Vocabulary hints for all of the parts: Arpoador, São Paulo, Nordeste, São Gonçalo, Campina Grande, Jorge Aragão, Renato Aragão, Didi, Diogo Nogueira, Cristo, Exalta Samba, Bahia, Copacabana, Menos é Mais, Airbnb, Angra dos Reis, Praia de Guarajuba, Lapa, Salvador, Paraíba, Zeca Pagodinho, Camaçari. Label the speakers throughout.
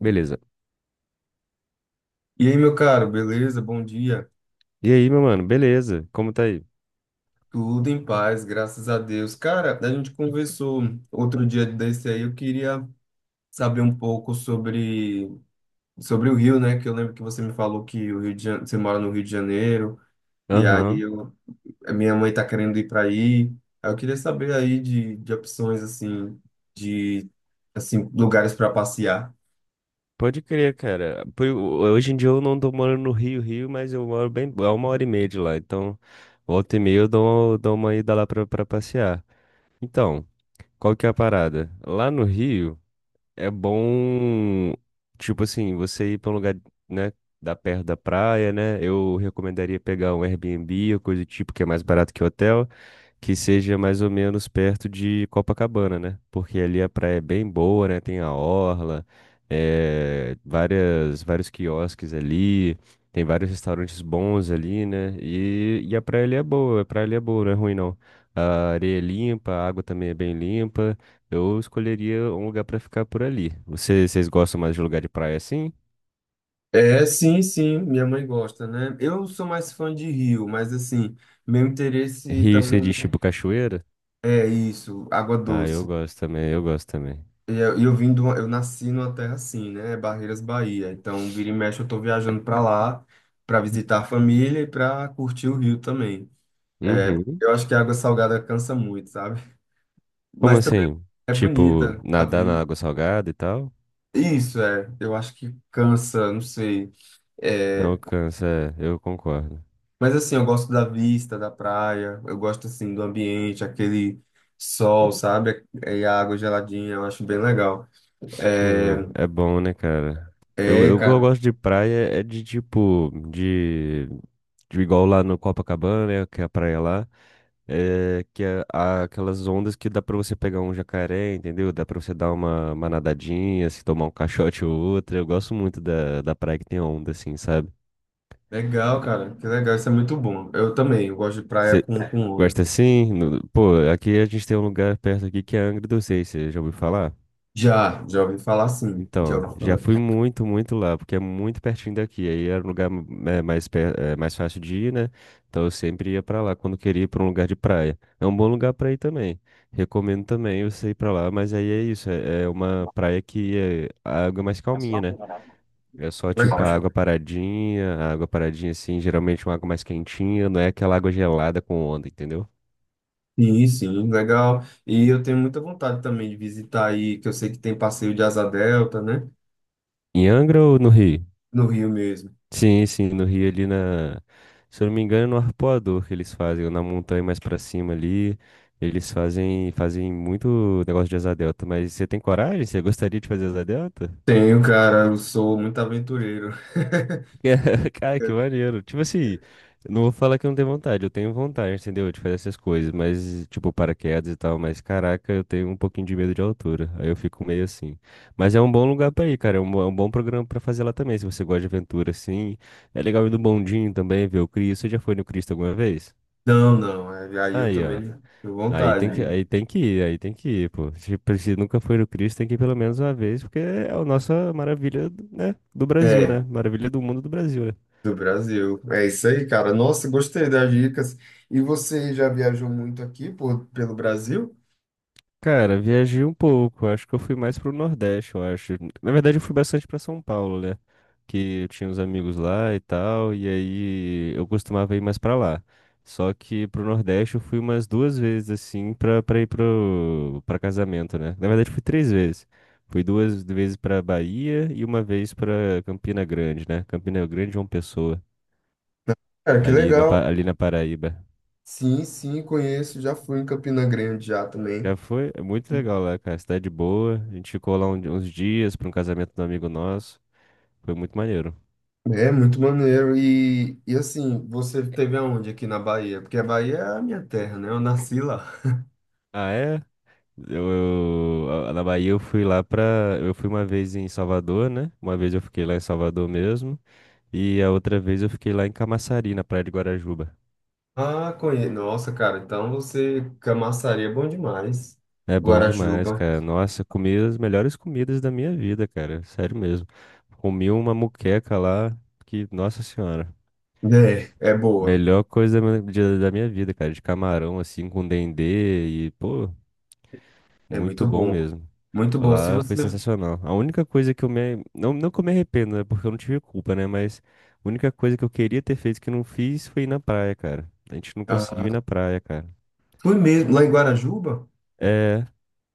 Speaker 1: Beleza.
Speaker 2: E aí, meu caro, beleza? Bom dia.
Speaker 1: E aí, meu mano, beleza? Como tá aí?
Speaker 2: Tudo em paz, graças a Deus. Cara, a gente conversou outro dia desse aí, eu queria saber um pouco sobre o Rio, né? Que eu lembro que você me falou que o Rio de Janeiro, você mora no Rio de Janeiro, e aí
Speaker 1: Aham.
Speaker 2: eu, a minha mãe tá querendo ir para aí. Aí eu queria saber aí de opções, assim, de assim, lugares para passear.
Speaker 1: Pode crer, cara. Hoje em dia eu não tô morando no Rio, Rio, mas eu moro bem, é 1h30 de lá. Então, volta e meia eu dou uma ida lá pra passear. Então, qual que é a parada? Lá no Rio é bom, tipo assim, você ir pra um lugar, né, da perto da praia, né? Eu recomendaria pegar um Airbnb ou coisa do tipo, que é mais barato que hotel, que seja mais ou menos perto de Copacabana, né? Porque ali a praia é bem boa, né? Tem a orla, vários quiosques ali, tem vários restaurantes bons ali, né? E a praia ali é boa, a praia ali é boa, não é ruim não. A areia é limpa, a água também é bem limpa. Eu escolheria um lugar pra ficar por ali. Vocês gostam mais de lugar de praia assim?
Speaker 2: É, sim, sim, minha mãe gosta, né? Eu sou mais fã de Rio, mas assim, meu interesse.
Speaker 1: Rio seria tipo cachoeira?
Speaker 2: É isso, água
Speaker 1: Ah, eu
Speaker 2: doce.
Speaker 1: gosto também, eu gosto também.
Speaker 2: E eu vim de uma- eu nasci numa terra assim, né? Barreiras, Bahia. Então, vira e mexe, eu tô viajando pra lá pra visitar a família e pra curtir o Rio também. É,
Speaker 1: Uhum.
Speaker 2: eu acho que a água salgada cansa muito, sabe?
Speaker 1: Como
Speaker 2: Mas também
Speaker 1: assim?
Speaker 2: é
Speaker 1: Tipo,
Speaker 2: bonita a
Speaker 1: nadar na
Speaker 2: vida.
Speaker 1: água salgada e tal?
Speaker 2: Isso é, eu acho que cansa, não sei. É,
Speaker 1: Não cansa, é, eu concordo.
Speaker 2: mas assim, eu gosto da vista da praia, eu gosto assim do ambiente, aquele sol, sabe? E a água geladinha, eu acho bem legal.
Speaker 1: Pô,
Speaker 2: É,
Speaker 1: é bom, né, cara? Eu, eu,
Speaker 2: é,
Speaker 1: eu
Speaker 2: cara.
Speaker 1: gosto de praia, é de tipo, de igual lá no Copacabana, né, que é a praia lá, é que é aquelas ondas que dá pra você pegar um jacaré, entendeu? Dá pra você dar uma nadadinha, se tomar um caixote ou outra. Eu gosto muito da praia que tem onda, assim, sabe?
Speaker 2: Legal, cara. Que legal. Isso é muito bom. Eu também. Eu gosto de praia
Speaker 1: Você
Speaker 2: com onda.
Speaker 1: gosta assim? Pô, aqui a gente tem um lugar perto aqui que é Angra dos Reis, você já ouviu falar?
Speaker 2: Já, já ouvi falar, sim. Já
Speaker 1: Então,
Speaker 2: ouvi
Speaker 1: já
Speaker 2: falar.
Speaker 1: fui muito, muito lá, porque é muito pertinho daqui. Aí era um lugar mais fácil de ir, né? Então eu sempre ia pra lá quando queria ir pra um lugar de praia. É um bom lugar pra ir também. Recomendo também você ir pra lá, mas aí é isso. É uma praia que é a água é mais calminha, né? É só tipo
Speaker 2: Legal.
Speaker 1: a água paradinha assim, geralmente uma água mais quentinha, não é aquela água gelada com onda, entendeu?
Speaker 2: Sim, sim, legal. E eu tenho muita vontade também de visitar aí, que eu sei que tem passeio de Asa Delta, né?
Speaker 1: Em Angra ou no Rio?
Speaker 2: No Rio mesmo.
Speaker 1: Sim, sim, no Rio ali na. Se eu não me engano, é no Arpoador que eles fazem, ou na montanha mais pra cima ali. Eles fazem muito negócio de asa delta, mas você tem coragem? Você gostaria de fazer asa delta?
Speaker 2: Tenho, cara. Eu sou muito aventureiro.
Speaker 1: Cara, que maneiro. Tipo assim, eu não vou falar que eu não tenho vontade, eu tenho vontade, entendeu? De fazer essas coisas, mas, tipo, paraquedas e tal, mas caraca, eu tenho um pouquinho de medo de altura. Aí eu fico meio assim. Mas é um bom lugar pra ir, cara. É um bom programa pra fazer lá também, se você gosta de aventura, assim. É legal ir no bondinho também, ver o Cristo. Você já foi no Cristo alguma vez?
Speaker 2: Não, não. É, aí eu
Speaker 1: Aí, ó.
Speaker 2: também tenho vontade.
Speaker 1: Aí tem que ir, aí tem que ir, pô. Tipo, se nunca foi no Cristo, tem que ir pelo menos uma vez, porque é a nossa maravilha, né, do Brasil, né?
Speaker 2: É,
Speaker 1: Maravilha do mundo do Brasil, né?
Speaker 2: do Brasil. É isso aí, cara. Nossa, gostei das dicas. E você já viajou muito aqui por, pelo Brasil?
Speaker 1: Cara, viajei um pouco. Acho que eu fui mais pro Nordeste, eu acho. Na verdade, eu fui bastante pra São Paulo, né? Que eu tinha uns amigos lá e tal, e aí eu costumava ir mais pra lá. Só que pro Nordeste eu fui umas duas vezes, assim, pra ir pra casamento, né? Na verdade, fui três vezes. Fui duas vezes pra Bahia e uma vez pra Campina Grande, né? Campina Grande é uma pessoa,
Speaker 2: Cara, que
Speaker 1: ali na,
Speaker 2: legal.
Speaker 1: Pa- ali na Paraíba.
Speaker 2: Sim, sim, conheço. Já fui em Campina Grande já também.
Speaker 1: Já foi, é muito legal lá, cara. Cidade boa. A gente ficou lá uns dias para um casamento de um amigo nosso. Foi muito maneiro.
Speaker 2: É muito maneiro. E assim, você teve aonde aqui na Bahia? Porque a Bahia é a minha terra, né? Eu nasci lá.
Speaker 1: Ah, é? Na Bahia eu fui lá pra. Eu fui uma vez em Salvador, né? Uma vez eu fiquei lá em Salvador mesmo. E a outra vez eu fiquei lá em Camaçari, na Praia de Guarajuba.
Speaker 2: Ah, conheço. Nossa, cara, então você. Camaçari é bom demais.
Speaker 1: É bom demais,
Speaker 2: Guarajuba.
Speaker 1: cara. Nossa, comi as melhores comidas da minha vida, cara. Sério mesmo. Comi uma muqueca lá que, nossa senhora.
Speaker 2: É, é boa.
Speaker 1: Melhor coisa da minha vida, cara, de camarão assim com dendê e, pô,
Speaker 2: É muito
Speaker 1: muito bom
Speaker 2: bom.
Speaker 1: mesmo.
Speaker 2: Muito bom. Se
Speaker 1: Lá foi
Speaker 2: você.
Speaker 1: sensacional. A única coisa que eu me. Não, não que eu me arrependo, né? Porque eu não tive culpa, né? Mas a única coisa que eu queria ter feito que eu não fiz foi ir na praia, cara. A gente não
Speaker 2: Ah,
Speaker 1: conseguiu ir na praia, cara.
Speaker 2: fui mesmo lá em Guarajuba?
Speaker 1: É,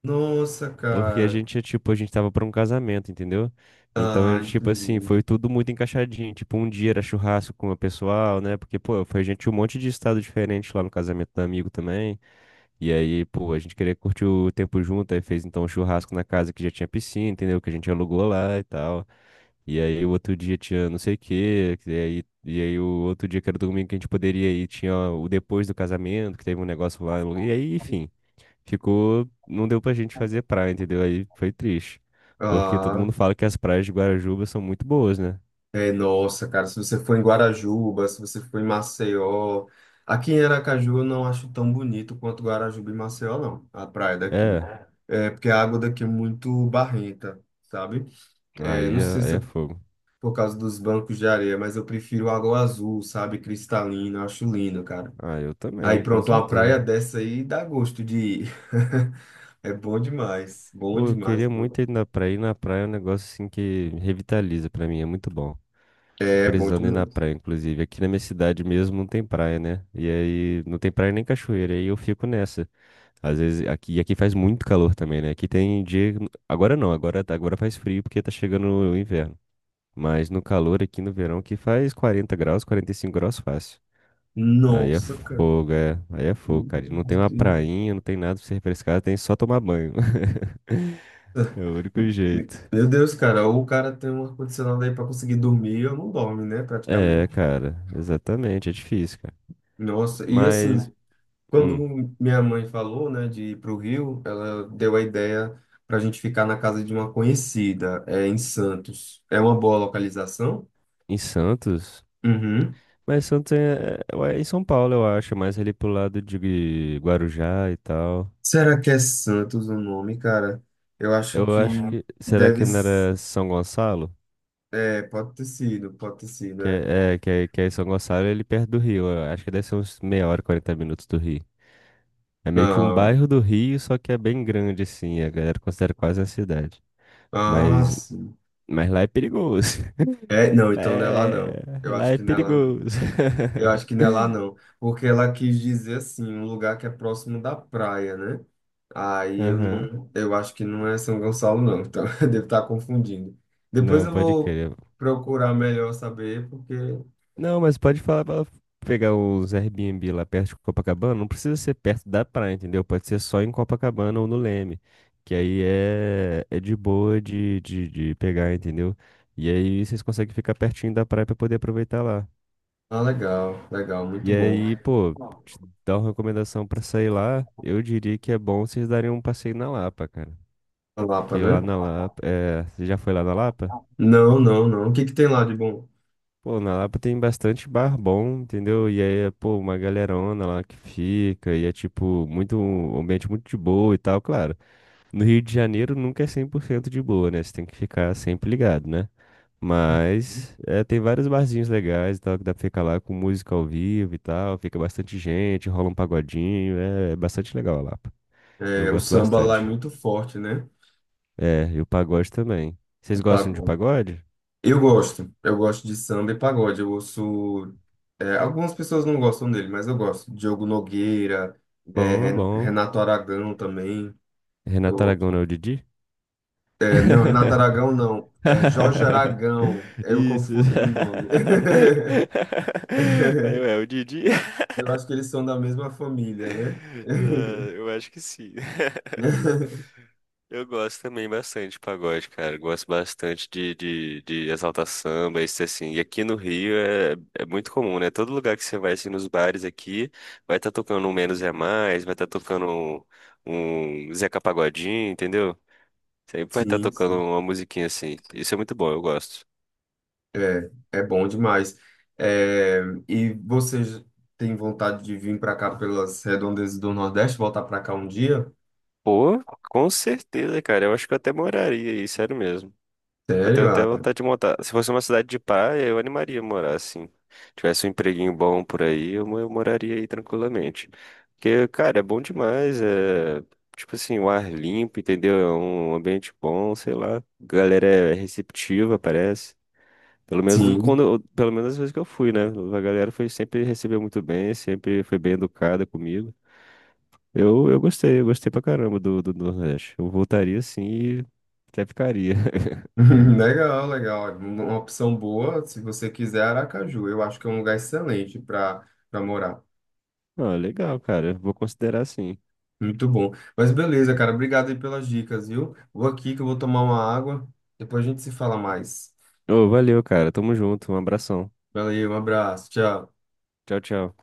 Speaker 2: Nossa,
Speaker 1: porque a
Speaker 2: cara.
Speaker 1: gente, é, tipo, a gente tava pra um casamento, entendeu? Então,
Speaker 2: Ah,
Speaker 1: era tipo assim,
Speaker 2: entendi.
Speaker 1: foi tudo muito encaixadinho. Tipo, um dia era churrasco com o pessoal, né? Porque, pô, foi gente de um monte de estado diferente lá no casamento do amigo também. E aí, pô, a gente queria curtir o tempo junto, aí fez então um churrasco na casa que já tinha piscina, entendeu? Que a gente alugou lá e tal. E aí o outro dia tinha não sei o quê, e aí o outro dia que era domingo que a gente poderia ir, tinha o depois do casamento, que teve um negócio lá, e aí, enfim, ficou, não deu pra gente fazer praia, entendeu? Aí foi triste, porque todo
Speaker 2: Ah,
Speaker 1: mundo fala que as praias de Guarajuba são muito boas, né?
Speaker 2: é, nossa, cara, se você for em Guarajuba, se você for em Maceió, aqui em Aracaju eu não acho tão bonito quanto Guarajuba e Maceió, não, a praia daqui.
Speaker 1: É,
Speaker 2: É, porque a água daqui é muito barrenta, sabe? É, não
Speaker 1: aí
Speaker 2: sei
Speaker 1: é, aí
Speaker 2: se
Speaker 1: é
Speaker 2: é
Speaker 1: fogo.
Speaker 2: por causa dos bancos de areia, mas eu prefiro água azul, sabe? Cristalina, eu acho lindo, cara.
Speaker 1: Ah, eu
Speaker 2: Aí
Speaker 1: também, com
Speaker 2: pronto, uma praia
Speaker 1: certeza.
Speaker 2: dessa aí dá gosto de ir. É bom demais, bom
Speaker 1: Pô, eu
Speaker 2: demais,
Speaker 1: queria
Speaker 2: bom.
Speaker 1: muito ir na praia. Ir na praia é um negócio assim que revitaliza pra mim, é muito bom. Tô
Speaker 2: É bom
Speaker 1: precisando ir na
Speaker 2: demais.
Speaker 1: praia, inclusive. Aqui na minha cidade mesmo não tem praia, né? E aí não tem praia nem cachoeira, aí eu fico nessa. Às vezes aqui, e aqui faz muito calor também, né? Aqui tem dia, agora não, agora faz frio porque tá chegando o inverno. Mas no calor aqui no verão que faz 40 graus, 45 graus fácil. Aí é
Speaker 2: Nossa, cara.
Speaker 1: fogo, é. Aí é fogo, cara. E não tem uma prainha, não tem nada pra se refrescar, tem só tomar banho. É o único jeito.
Speaker 2: Meu Deus, cara, ou o cara tem um ar-condicionado aí pra conseguir dormir, eu não dorme, né,
Speaker 1: É,
Speaker 2: praticamente.
Speaker 1: cara, exatamente, é difícil, cara.
Speaker 2: Nossa, e assim,
Speaker 1: Mas,
Speaker 2: quando
Speaker 1: hum,
Speaker 2: minha mãe falou, né, de ir pro Rio, ela deu a ideia pra gente ficar na casa de uma conhecida, é, em Santos. É uma boa localização?
Speaker 1: em Santos.
Speaker 2: Uhum.
Speaker 1: Mas Santos é em São Paulo, eu acho, mais ali pro lado de Guarujá e tal.
Speaker 2: Será que é Santos o nome, cara? Eu acho
Speaker 1: Eu
Speaker 2: que
Speaker 1: acho que. Será
Speaker 2: deve.
Speaker 1: que não
Speaker 2: S-,
Speaker 1: era São Gonçalo?
Speaker 2: é, pode ter sido,
Speaker 1: Que
Speaker 2: é.
Speaker 1: é, é, que é, que é em São Gonçalo, ele perto do Rio. Eu acho que deve ser uns meia hora, 40 minutos do Rio. É meio que um
Speaker 2: Não.
Speaker 1: bairro do Rio, só que é bem grande, assim. A galera considera quase uma cidade.
Speaker 2: Ah,
Speaker 1: Mas,
Speaker 2: sim.
Speaker 1: mas lá é perigoso.
Speaker 2: É, não,
Speaker 1: Lá
Speaker 2: então não é lá
Speaker 1: é,
Speaker 2: não. Eu
Speaker 1: lá
Speaker 2: acho
Speaker 1: é
Speaker 2: que não é lá não.
Speaker 1: perigoso.
Speaker 2: Eu acho que não é lá não, porque ela quis dizer assim, um lugar que é próximo da praia, né? Aí eu
Speaker 1: Aham.
Speaker 2: não, eu acho que não é São Gonçalo não, então eu devo estar confundindo. Depois
Speaker 1: Não,
Speaker 2: eu
Speaker 1: pode
Speaker 2: vou
Speaker 1: crer.
Speaker 2: procurar melhor saber, porque
Speaker 1: Não, mas pode falar pra ela pegar os Airbnb lá perto de Copacabana. Não precisa ser perto da praia, entendeu? Pode ser só em Copacabana ou no Leme. Que aí é de boa de pegar, entendeu? E aí vocês conseguem ficar pertinho da praia pra poder aproveitar lá.
Speaker 2: ah, legal, legal, muito
Speaker 1: E
Speaker 2: bom.
Speaker 1: aí, pô, te dar uma recomendação pra sair lá, eu diria que é bom vocês darem um passeio na Lapa, cara.
Speaker 2: A Lapa,
Speaker 1: Que
Speaker 2: né?
Speaker 1: lá na Lapa, é, você já foi lá na Lapa?
Speaker 2: Não, não, não. O que que tem lá de bom?
Speaker 1: Pô, na Lapa tem bastante bar bom, entendeu? E aí é, pô, uma galerona lá que fica, e é, tipo, muito, um ambiente muito de boa e tal, claro. No Rio de Janeiro nunca é 100% de boa, né? Você tem que ficar sempre ligado, né? Mas é, tem vários barzinhos legais e tal, que dá pra ficar lá com música ao vivo e tal, fica bastante gente, rola um pagodinho, é bastante legal a Lapa. Eu
Speaker 2: É, o
Speaker 1: gosto
Speaker 2: samba lá é
Speaker 1: bastante.
Speaker 2: muito forte, né?
Speaker 1: É, e o pagode também. Vocês
Speaker 2: O
Speaker 1: gostam de
Speaker 2: pagode.
Speaker 1: pagode?
Speaker 2: Eu gosto de samba e pagode. Eu ouço. É, algumas pessoas não gostam dele, mas eu gosto. Diogo Nogueira, é,
Speaker 1: Bom,
Speaker 2: Ren-
Speaker 1: bom.
Speaker 2: Renato Aragão também. Eu
Speaker 1: Renato Aragão não é
Speaker 2: gosto.
Speaker 1: o Didi?
Speaker 2: É, não, Renato Aragão não. É Jorge Aragão. Eu
Speaker 1: Isso.
Speaker 2: confundi o nome.
Speaker 1: Aí, ué, o Didi.
Speaker 2: Eu acho que eles são da mesma família, né?
Speaker 1: Ah, eu acho que sim. Eu gosto também bastante de pagode, cara. Gosto bastante de Exalta Samba, isso assim. E aqui no Rio é muito comum, né? Todo lugar que você vai, assim, nos bares aqui, vai estar tocando um Menos é Mais, vai estar tocando um Zeca Pagodinho, entendeu? Sempre vai estar
Speaker 2: Sim,
Speaker 1: tocando
Speaker 2: sim.
Speaker 1: uma musiquinha assim. Isso é muito bom, eu gosto.
Speaker 2: É, é bom demais. É, e você j- tem vontade de vir para cá pelas redondezas do Nordeste, voltar para cá um dia?
Speaker 1: Pô, com certeza, cara. Eu acho que eu até moraria aí, sério mesmo. Eu tenho
Speaker 2: Sério?
Speaker 1: até
Speaker 2: Ah,
Speaker 1: vontade de montar. Se fosse uma cidade de praia, eu animaria a morar, assim. Tivesse um empreguinho bom por aí, eu moraria aí tranquilamente. Porque, cara, é bom demais. É, tipo assim, o ar limpo, entendeu? É um ambiente bom, sei lá. A galera é receptiva, parece. Pelo menos do-
Speaker 2: sim.
Speaker 1: quando, eu- pelo menos as vezes que eu fui, né? A galera foi sempre recebeu muito bem, sempre foi bem educada comigo. Eu gostei, eu gostei pra caramba do Nordeste. Eu voltaria sim e até ficaria.
Speaker 2: Legal, legal. Uma opção boa, se você quiser, Aracaju. Eu acho que é um lugar excelente para para morar.
Speaker 1: Ah, legal, cara. Vou considerar sim.
Speaker 2: Muito bom. Mas beleza, cara. Obrigado aí pelas dicas, viu? Vou aqui que eu vou tomar uma água. Depois a gente se fala mais.
Speaker 1: Ô, valeu, cara. Tamo junto. Um abração.
Speaker 2: Valeu, um abraço. Tchau.
Speaker 1: Tchau, tchau.